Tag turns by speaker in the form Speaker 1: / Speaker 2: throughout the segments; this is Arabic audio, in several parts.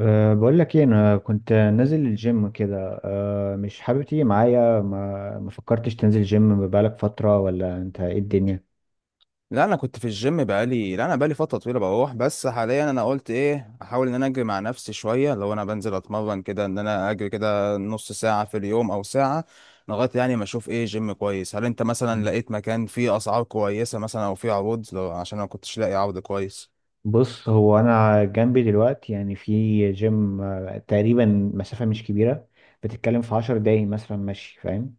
Speaker 1: بقول لك ايه انا كنت نازل الجيم كده. مش حابب تيجي معايا؟ ما فكرتش تنزل جيم بقالك فترة ولا انت ايه الدنيا؟
Speaker 2: لا، انا كنت في الجيم بقالي لا انا بقالي فتره طويله بروح. بس حاليا انا قلت ايه، احاول ان انا اجري مع نفسي شويه. لو انا بنزل اتمرن كده، ان انا اجري كده نص ساعه في اليوم او ساعه، لغايه يعني ما اشوف ايه جيم كويس. هل انت مثلا
Speaker 1: مم.
Speaker 2: لقيت مكان فيه اسعار كويسه مثلا، او فيه عروض؟ لو عشان انا ما كنتش لاقي عرض كويس.
Speaker 1: بص هو انا جنبي دلوقتي يعني في جيم تقريبا مسافة مش كبيرة، بتتكلم في عشر دقايق مثلا، ماشي فاهم.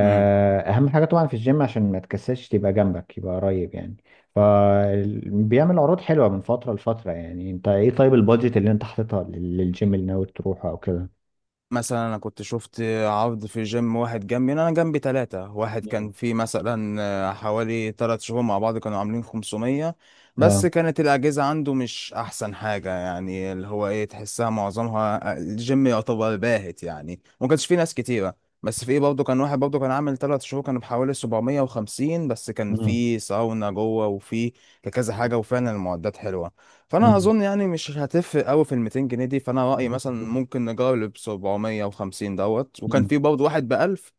Speaker 2: امم.
Speaker 1: اهم حاجة طبعا في الجيم عشان ما تكسلش تبقى جنبك، يبقى قريب يعني. فبيعمل عروض حلوة من فترة لفترة. يعني انت ايه، طيب البادجت اللي انت حاططها للجيم اللي ناوي تروحه او كده؟
Speaker 2: مثلا انا كنت شفت عرض في جيم واحد جنبي. انا جنبي ثلاثة. واحد كان فيه مثلا حوالي ثلاث شهور مع بعض كانوا عاملين 500. بس
Speaker 1: نعم.
Speaker 2: كانت الاجهزة عنده مش احسن حاجة، يعني اللي هو ايه، تحسها معظمها الجيم يعتبر باهت، يعني ما كانش فيه ناس كتيرة. بس في ايه برضه، كان واحد برضه كان عامل ثلاث شهور كان بحوالي 750، بس كان
Speaker 1: مم.
Speaker 2: فيه ساونا جوه وفيه كذا حاجة، وفعلا المعدات حلوة. فانا
Speaker 1: مم.
Speaker 2: اظن يعني مش هتفرق قوي في ال 200 جنيه دي. فانا رايي مثلا ممكن نجرب 750 دوت. وكان
Speaker 1: مم.
Speaker 2: في برضه واحد ب 1000.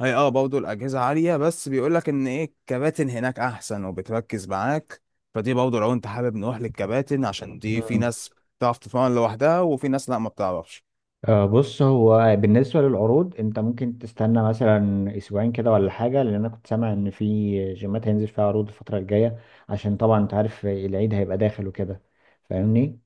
Speaker 2: هي برضه الاجهزه عاليه، بس بيقول لك ان ايه، الكباتن هناك احسن وبتركز معاك. فدي برضه لو انت حابب نروح للكباتن، عشان دي في
Speaker 1: مم.
Speaker 2: ناس بتعرف تتمرن لوحدها، وفي ناس لا، ما بتعرفش.
Speaker 1: بص هو بالنسبة للعروض انت ممكن تستنى مثلا اسبوعين كده ولا حاجة، لان انا كنت سامع ان في جيمات هينزل فيها عروض الفترة الجاية، عشان طبعا انت عارف العيد هيبقى داخل وكده، فاهمني؟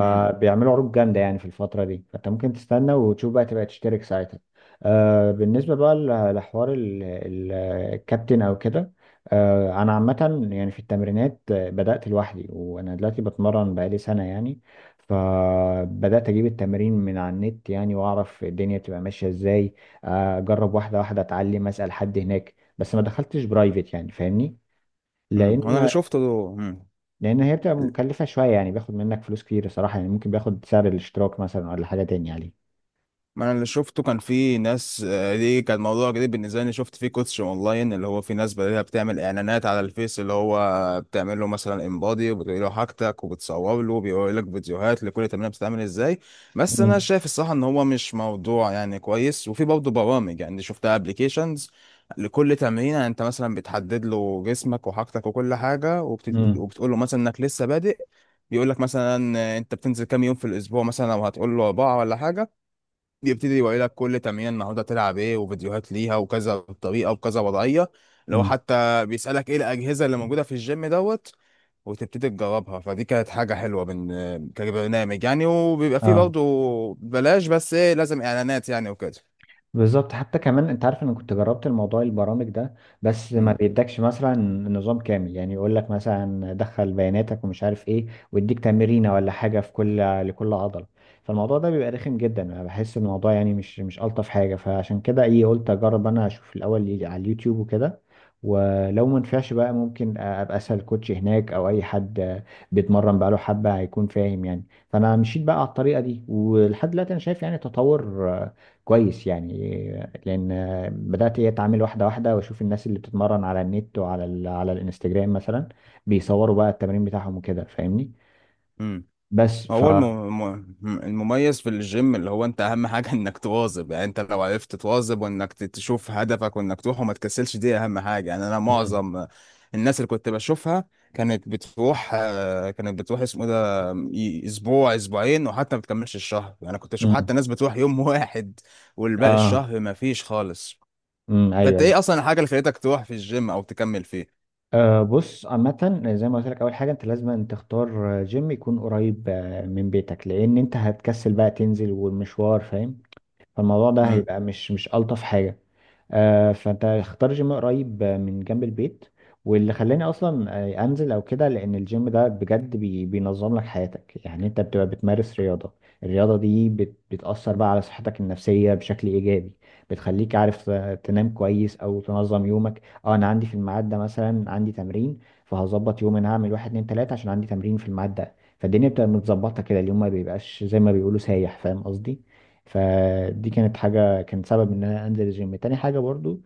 Speaker 2: امم.
Speaker 1: عروض جامدة يعني في الفترة دي، فانت ممكن تستنى وتشوف بقى تبقى تشترك ساعتها. آه، بالنسبة بقى لحوار الكابتن او كده، آه انا عامة يعني في التمرينات بدأت لوحدي وانا دلوقتي بتمرن بقالي سنة يعني. فبدأت أجيب التمارين من على النت يعني، وأعرف الدنيا بتبقى ماشية إزاي، أجرب واحدة واحدة، أتعلم، أسأل حد هناك، بس ما دخلتش برايفت يعني فاهمني.
Speaker 2: امم. انا اللي
Speaker 1: لأن،
Speaker 2: شفته ده.
Speaker 1: لأن هي بتبقى مكلفة شوية يعني، بياخد منك فلوس كتير صراحة، يعني ممكن بياخد سعر الاشتراك مثلا ولا حاجة تاني عليه.
Speaker 2: ما انا اللي شفته كان في ناس، دي كان موضوع جديد بالنسبه لي. شفت فيه كوتش اونلاين، اللي هو في ناس بدأت بتعمل اعلانات على الفيس. اللي هو بتعمل له مثلا انبادي وبتقول له حاجتك وبتصور له، وبيقول لك فيديوهات لكل تمرينه بتتعمل ازاي. بس انا
Speaker 1: امم.
Speaker 2: شايف الصراحه ان هو مش موضوع يعني كويس. وفي برضه برامج، يعني شفتها، ابلكيشنز لكل تمرين. يعني انت مثلا بتحدد له جسمك وحاجتك وكل حاجه،
Speaker 1: امم.
Speaker 2: وبتقول له مثلا انك لسه بادئ. بيقول لك مثلا انت بتنزل كام يوم في الاسبوع مثلا. لو هتقول له اربعه ولا حاجه، يبتدي يوري لك كل تمرين النهارده تلعب ايه، وفيديوهات ليها وكذا طريقه وكذا وضعيه. لو
Speaker 1: امم.
Speaker 2: حتى بيسالك ايه الاجهزه اللي موجوده في الجيم دوت، وتبتدي تجربها. فدي كانت حاجه حلوه، من كبرنامج يعني، وبيبقى فيه
Speaker 1: اه
Speaker 2: برضه بلاش، بس ايه لازم اعلانات يعني وكده.
Speaker 1: بالظبط، حتى كمان انت عارف انا كنت جربت الموضوع البرامج ده، بس ما بيدكش مثلا نظام كامل يعني، يقول لك مثلا دخل بياناتك ومش عارف ايه ويديك تمرينه ولا حاجه في كل، لكل عضله. فالموضوع ده بيبقى رخم جدا، انا بحس إن الموضوع يعني مش الطف حاجه. فعشان كده ايه، قلت اجرب انا اشوف الاول على اليوتيوب وكده، ولو ما نفعش بقى ممكن ابقى اسال كوتش هناك او اي حد بيتمرن بقاله حبه هيكون فاهم يعني. فانا مشيت بقى على الطريقه دي، ولحد دلوقتي انا شايف يعني تطور كويس يعني. لان بدات ايه اتعامل واحده واحده، واشوف الناس اللي بتتمرن على النت وعلى على الانستجرام مثلا، بيصوروا بقى التمرين بتاعهم وكده فاهمني.
Speaker 2: امم
Speaker 1: بس ف
Speaker 2: هو المميز في الجيم، اللي هو انت اهم حاجة انك تواظب. يعني انت لو عرفت تواظب وانك تشوف هدفك وانك تروح وما تكسلش، دي اهم حاجة. يعني انا
Speaker 1: مم.
Speaker 2: معظم الناس اللي كنت بشوفها كانت بتروح اسمه ده، اسبوع اسبوعين، وحتى ما بتكملش الشهر. يعني كنت اشوف
Speaker 1: امم.
Speaker 2: حتى ناس بتروح يوم واحد، والباقي
Speaker 1: اه.
Speaker 2: الشهر ما فيش خالص.
Speaker 1: امم. ايوه،
Speaker 2: فانت
Speaker 1: ايوه.
Speaker 2: ايه اصلا الحاجة اللي خليتك تروح في الجيم او تكمل فيه؟
Speaker 1: آه بص عامة زي ما قلت لك، أول حاجة أنت لازم أن تختار جيم يكون قريب من بيتك، لأن أنت هتكسل بقى تنزل والمشوار فاهم. فالموضوع ده
Speaker 2: امم.
Speaker 1: هيبقى مش ألطف حاجة. فانت اختار جيم قريب، من جنب البيت. واللي خلاني اصلا انزل او كده، لان الجيم ده بجد بينظم لك حياتك. يعني انت بتبقى بتمارس رياضة، الرياضة دي بتأثر بقى على صحتك النفسية بشكل ايجابي، بتخليك عارف تنام كويس او تنظم يومك. اه انا عندي في الميعاد ده مثلا عندي تمرين، فهظبط يوم انا هعمل واحد اتنين تلاتة عشان عندي تمرين في الميعاد ده. فالدنيا بتبقى متظبطة كده، اليوم ما بيبقاش زي ما بيقولوا سايح، فاهم قصدي. فدي كانت حاجة، كان سبب ان انا انزل الجيم. تاني حاجة برضو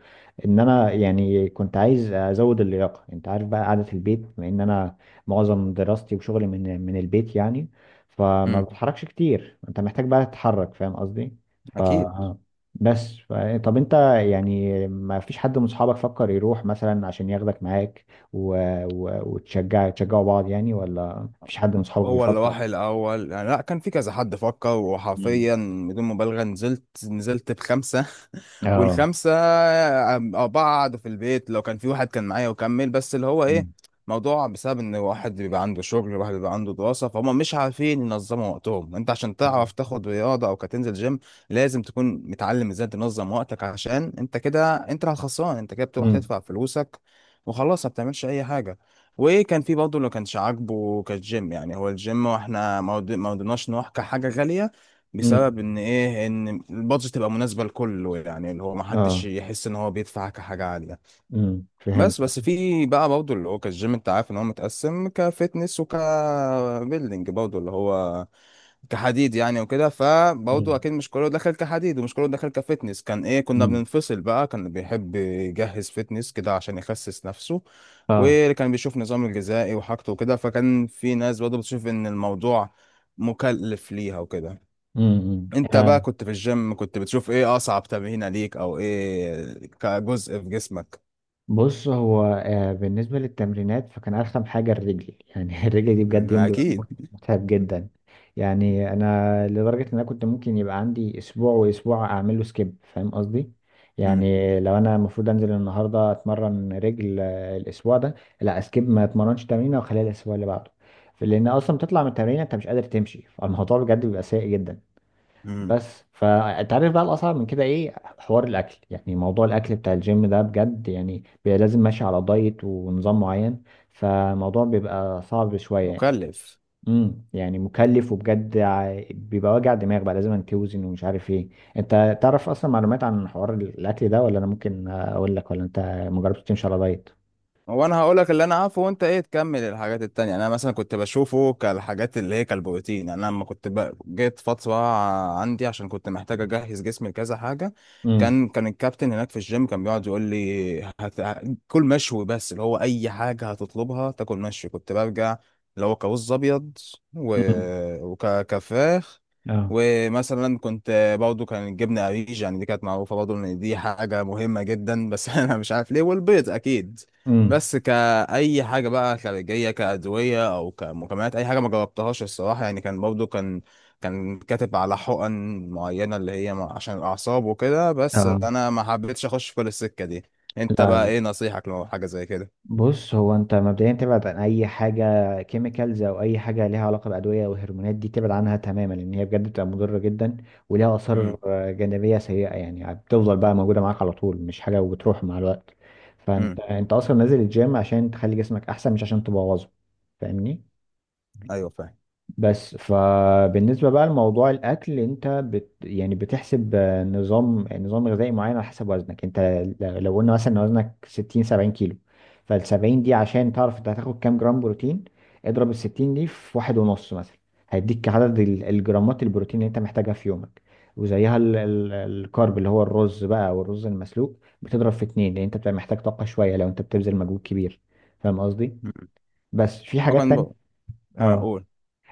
Speaker 1: ان انا يعني كنت عايز ازود اللياقة، انت عارف بقى قعدة البيت بما ان انا معظم دراستي وشغلي من البيت يعني، فما
Speaker 2: امم.
Speaker 1: بتحركش كتير، انت محتاج بقى تتحرك فاهم قصدي. ف،
Speaker 2: اكيد.
Speaker 1: بس ف... طب انت يعني ما فيش حد من اصحابك فكر يروح مثلا عشان ياخدك معاك، و... تشجعوا بعض يعني، ولا مفيش حد من اصحابك
Speaker 2: هو اللي راح
Speaker 1: بيفكر؟
Speaker 2: الاول يعني، لا كان في كذا حد فكر.
Speaker 1: مم.
Speaker 2: وحرفيا بدون مبالغه نزلت بخمسه.
Speaker 1: اه.
Speaker 2: والخمسة بعض في البيت. لو كان في واحد كان معايا وكمل، بس اللي هو ايه،
Speaker 1: مم.
Speaker 2: موضوع بسبب ان واحد بيبقى عنده شغل، واحد بيبقى عنده دراسة، فهم مش عارفين ينظموا وقتهم. انت عشان تعرف تاخد رياضة او كتنزل جيم لازم تكون متعلم ازاي تنظم وقتك. عشان انت كده، انت اللي الخسران. انت كده بتروح تدفع فلوسك وخلاص، ما بتعملش اي حاجة. وكان في برضه اللي ما كانش عاجبه كالجيم، يعني هو الجيم، واحنا ما رضيناش نروح كحاجة غالية.
Speaker 1: امم.
Speaker 2: بسبب ان ايه، ان البادجت تبقى مناسبه لكله، يعني اللي هو ما حدش
Speaker 1: اه.
Speaker 2: يحس ان هو بيدفع كحاجه عاليه.
Speaker 1: فهمت.
Speaker 2: بس في بقى برضه اللي هو كالجيم، انت عارف ان هو متقسم كفتنس وكبيلدينج، برضه اللي هو كحديد يعني وكده. فبرضه
Speaker 1: امم.
Speaker 2: اكيد مش كله دخل كحديد ومش كله دخل كفتنس. كان ايه، كنا
Speaker 1: امم.
Speaker 2: بننفصل بقى. كان بيحب يجهز فتنس كده عشان يخسس نفسه.
Speaker 1: اه.
Speaker 2: واللي كان بيشوف نظام الغذائي وحاجته وكده، فكان في ناس برضه بتشوف ان الموضوع مكلف ليها وكده.
Speaker 1: امم.
Speaker 2: انت
Speaker 1: آه.
Speaker 2: بقى كنت في الجيم، كنت بتشوف ايه اصعب تمرينه ليك، او ايه كجزء في جسمك؟
Speaker 1: بص هو آه بالنسبه للتمرينات، فكان ارخم حاجه الرجل يعني الرجل دي بجد
Speaker 2: مم،
Speaker 1: يوم بيبقى
Speaker 2: اكيد.
Speaker 1: متعب جدا. يعني انا لدرجه ان انا كنت ممكن يبقى عندي اسبوع واسبوع اعمل له سكيب، فاهم قصدي.
Speaker 2: مم.
Speaker 1: يعني لو انا المفروض انزل النهارده اتمرن رجل، الاسبوع ده لا اسكيب، ما اتمرنش تمرينه واخليها الاسبوع اللي بعده. لان اصلا بتطلع من التمرين انت مش قادر تمشي، فالموضوع بجد بيبقى سيء جدا.
Speaker 2: مم.
Speaker 1: بس فانت عارف بقى الاصعب من كده ايه، حوار الاكل. يعني موضوع الاكل بتاع الجيم ده بجد يعني بيبقى لازم ماشي على دايت ونظام معين، فالموضوع بيبقى صعب شويه يعني.
Speaker 2: مكلف.
Speaker 1: امم، يعني مكلف، وبجد بيبقى وجع دماغ، بقى لازم توزن ومش عارف ايه. انت تعرف اصلا معلومات عن حوار الاكل ده، ولا انا ممكن اقول لك؟ ولا انت مجربتش تمشي على دايت؟
Speaker 2: هو انا هقول لك اللي انا عارفه، وانت ايه تكمل الحاجات التانية. يعني انا مثلا كنت بشوفه كالحاجات اللي هي كالبروتين. يعني انا لما كنت جيت فترة عندي، عشان كنت محتاج اجهز جسمي لكذا حاجة.
Speaker 1: امم.
Speaker 2: كان الكابتن هناك في الجيم كان بيقعد يقول لي كل مشوي. بس اللي هو اي حاجة هتطلبها تاكل مشوي كنت برجع، اللي هو كرز ابيض، و...
Speaker 1: امم.
Speaker 2: وكفراخ.
Speaker 1: اه.
Speaker 2: ومثلا كنت برضه، كان الجبنة قريش يعني دي كانت معروفة برضه ان دي حاجة مهمة جدا، بس انا مش عارف ليه. والبيض اكيد. بس كأي حاجة بقى خارجية، كأدوية أو كمكملات، أي حاجة ما جربتهاش الصراحة. يعني كان برضو كان كاتب على حقن معينة، اللي هي عشان الأعصاب وكده، بس
Speaker 1: امم.
Speaker 2: أنا ما حبيتش أخش في كل السكة دي. أنت بقى إيه نصيحتك لو حاجة زي كده؟
Speaker 1: بص هو انت مبدئيا تبعد عن اي حاجه كيميكالز او اي حاجه ليها علاقه بادويه وهرمونات، دي تبعد عنها تماما، لان هي بجد بتبقى مضره جدا، وليها اثار
Speaker 2: امم.
Speaker 1: جانبيه سيئه يعني، بتفضل بقى موجوده معاك على طول، مش حاجه وبتروح مع الوقت. فانت
Speaker 2: امم.
Speaker 1: انت اصلا نازل الجيم عشان تخلي جسمك احسن، مش عشان تبوظه، فاهمني.
Speaker 2: أيوه، فاهم.
Speaker 1: بس فبالنسبة بقى لموضوع الأكل، أنت يعني بتحسب نظام غذائي معين على حسب وزنك أنت. لو قلنا مثلا إن وزنك 60 70 كيلو، فالسبعين دي عشان تعرف أنت هتاخد كام جرام بروتين، اضرب الستين دي في واحد ونص مثلا، هيديك عدد الجرامات البروتين اللي أنت محتاجها في يومك. وزيها الكارب اللي هو الرز بقى والرز المسلوق، بتضرب في اتنين، لأن أنت بتبقى محتاج طاقة شوية لو أنت بتبذل مجهود كبير، فاهم قصدي؟
Speaker 2: مم.
Speaker 1: بس في حاجات
Speaker 2: وكان بقى
Speaker 1: تانية، آه.
Speaker 2: هقول.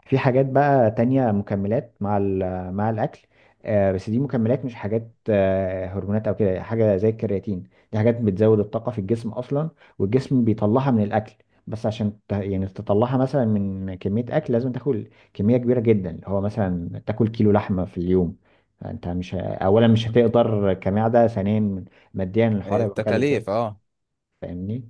Speaker 1: في حاجات بقى تانية، مكملات مع مع الأكل، بس دي مكملات مش حاجات هرمونات أو كده، حاجة زي الكرياتين. دي حاجات بتزود الطاقة في الجسم أصلا، والجسم بيطلعها من الأكل. بس عشان يعني تطلعها مثلا من كمية أكل، لازم تاكل كمية كبيرة جدا، اللي هو مثلا تاكل كيلو لحمة في اليوم. فأنت مش ه- أولا مش هتقدر كمعدة، ثانيا ماديا الحوار هيبقى مكلف
Speaker 2: التكاليف،
Speaker 1: جدا،
Speaker 2: أه.
Speaker 1: فاهمني؟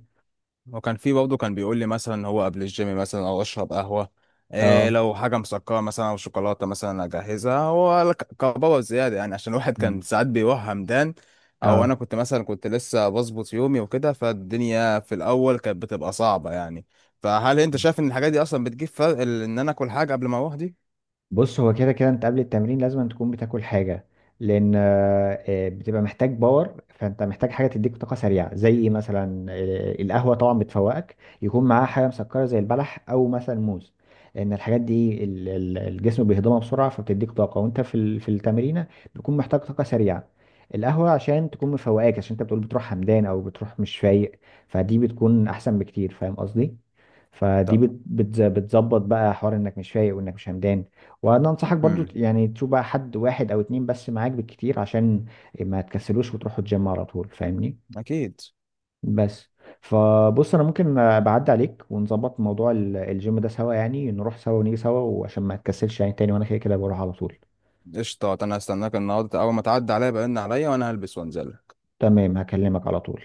Speaker 2: وكان في برضه كان بيقول لي مثلا هو قبل الجيم مثلا، او اشرب قهوه. إيه
Speaker 1: اه.
Speaker 2: لو حاجه مسكره مثلا او شوكولاته مثلا، اجهزها. هو كبابه زياده يعني، عشان الواحد كان
Speaker 1: مم.
Speaker 2: ساعات بيروح همدان. او
Speaker 1: اه،
Speaker 2: انا كنت مثلا، كنت لسه بظبط يومي وكده، فالدنيا في الاول كانت بتبقى صعبه يعني. فهل انت شايف ان الحاجات دي اصلا بتجيب فرق، ان انا اكل حاجه قبل ما اروح دي؟
Speaker 1: بص هو كده كده انت قبل التمرين لازم أن تكون بتاكل حاجة، لان بتبقى محتاج باور، فانت محتاج حاجة تديك طاقة سريعة زي ايه مثلا، القهوة طبعا بتفوقك، يكون معاها حاجة مسكرة زي البلح او مثلا موز. لان الحاجات دي الجسم بيهضمها بسرعة، فبتديك طاقة وانت في في التمرينة، بتكون محتاج طاقة سريعة. القهوة عشان تكون مفوقاك، عشان انت بتقول بتروح همدان او بتروح مش فايق، فدي بتكون احسن بكتير فاهم قصدي؟ فدي
Speaker 2: طب.
Speaker 1: بتظبط بقى حوار انك مش فايق وانك مش همدان. وانا انصحك برضو
Speaker 2: امم.
Speaker 1: يعني تشوف بقى حد واحد او اتنين بس معاك بالكتير، عشان ما تكسلوش وتروحوا الجيم على طول، فاهمني.
Speaker 2: اكيد.
Speaker 1: بس، انا ممكن بعدي عليك ونظبط موضوع الجيم ده سوا، يعني نروح سوا ونيجي سوا، وعشان ما تكسلش يعني تاني وانا كده كده بروح على طول.
Speaker 2: قشطه، انا هستناك النهارده اول ما تعدي عليا بقى، عليا وانا هلبس وانزل.
Speaker 1: تمام، هكلمك على طول.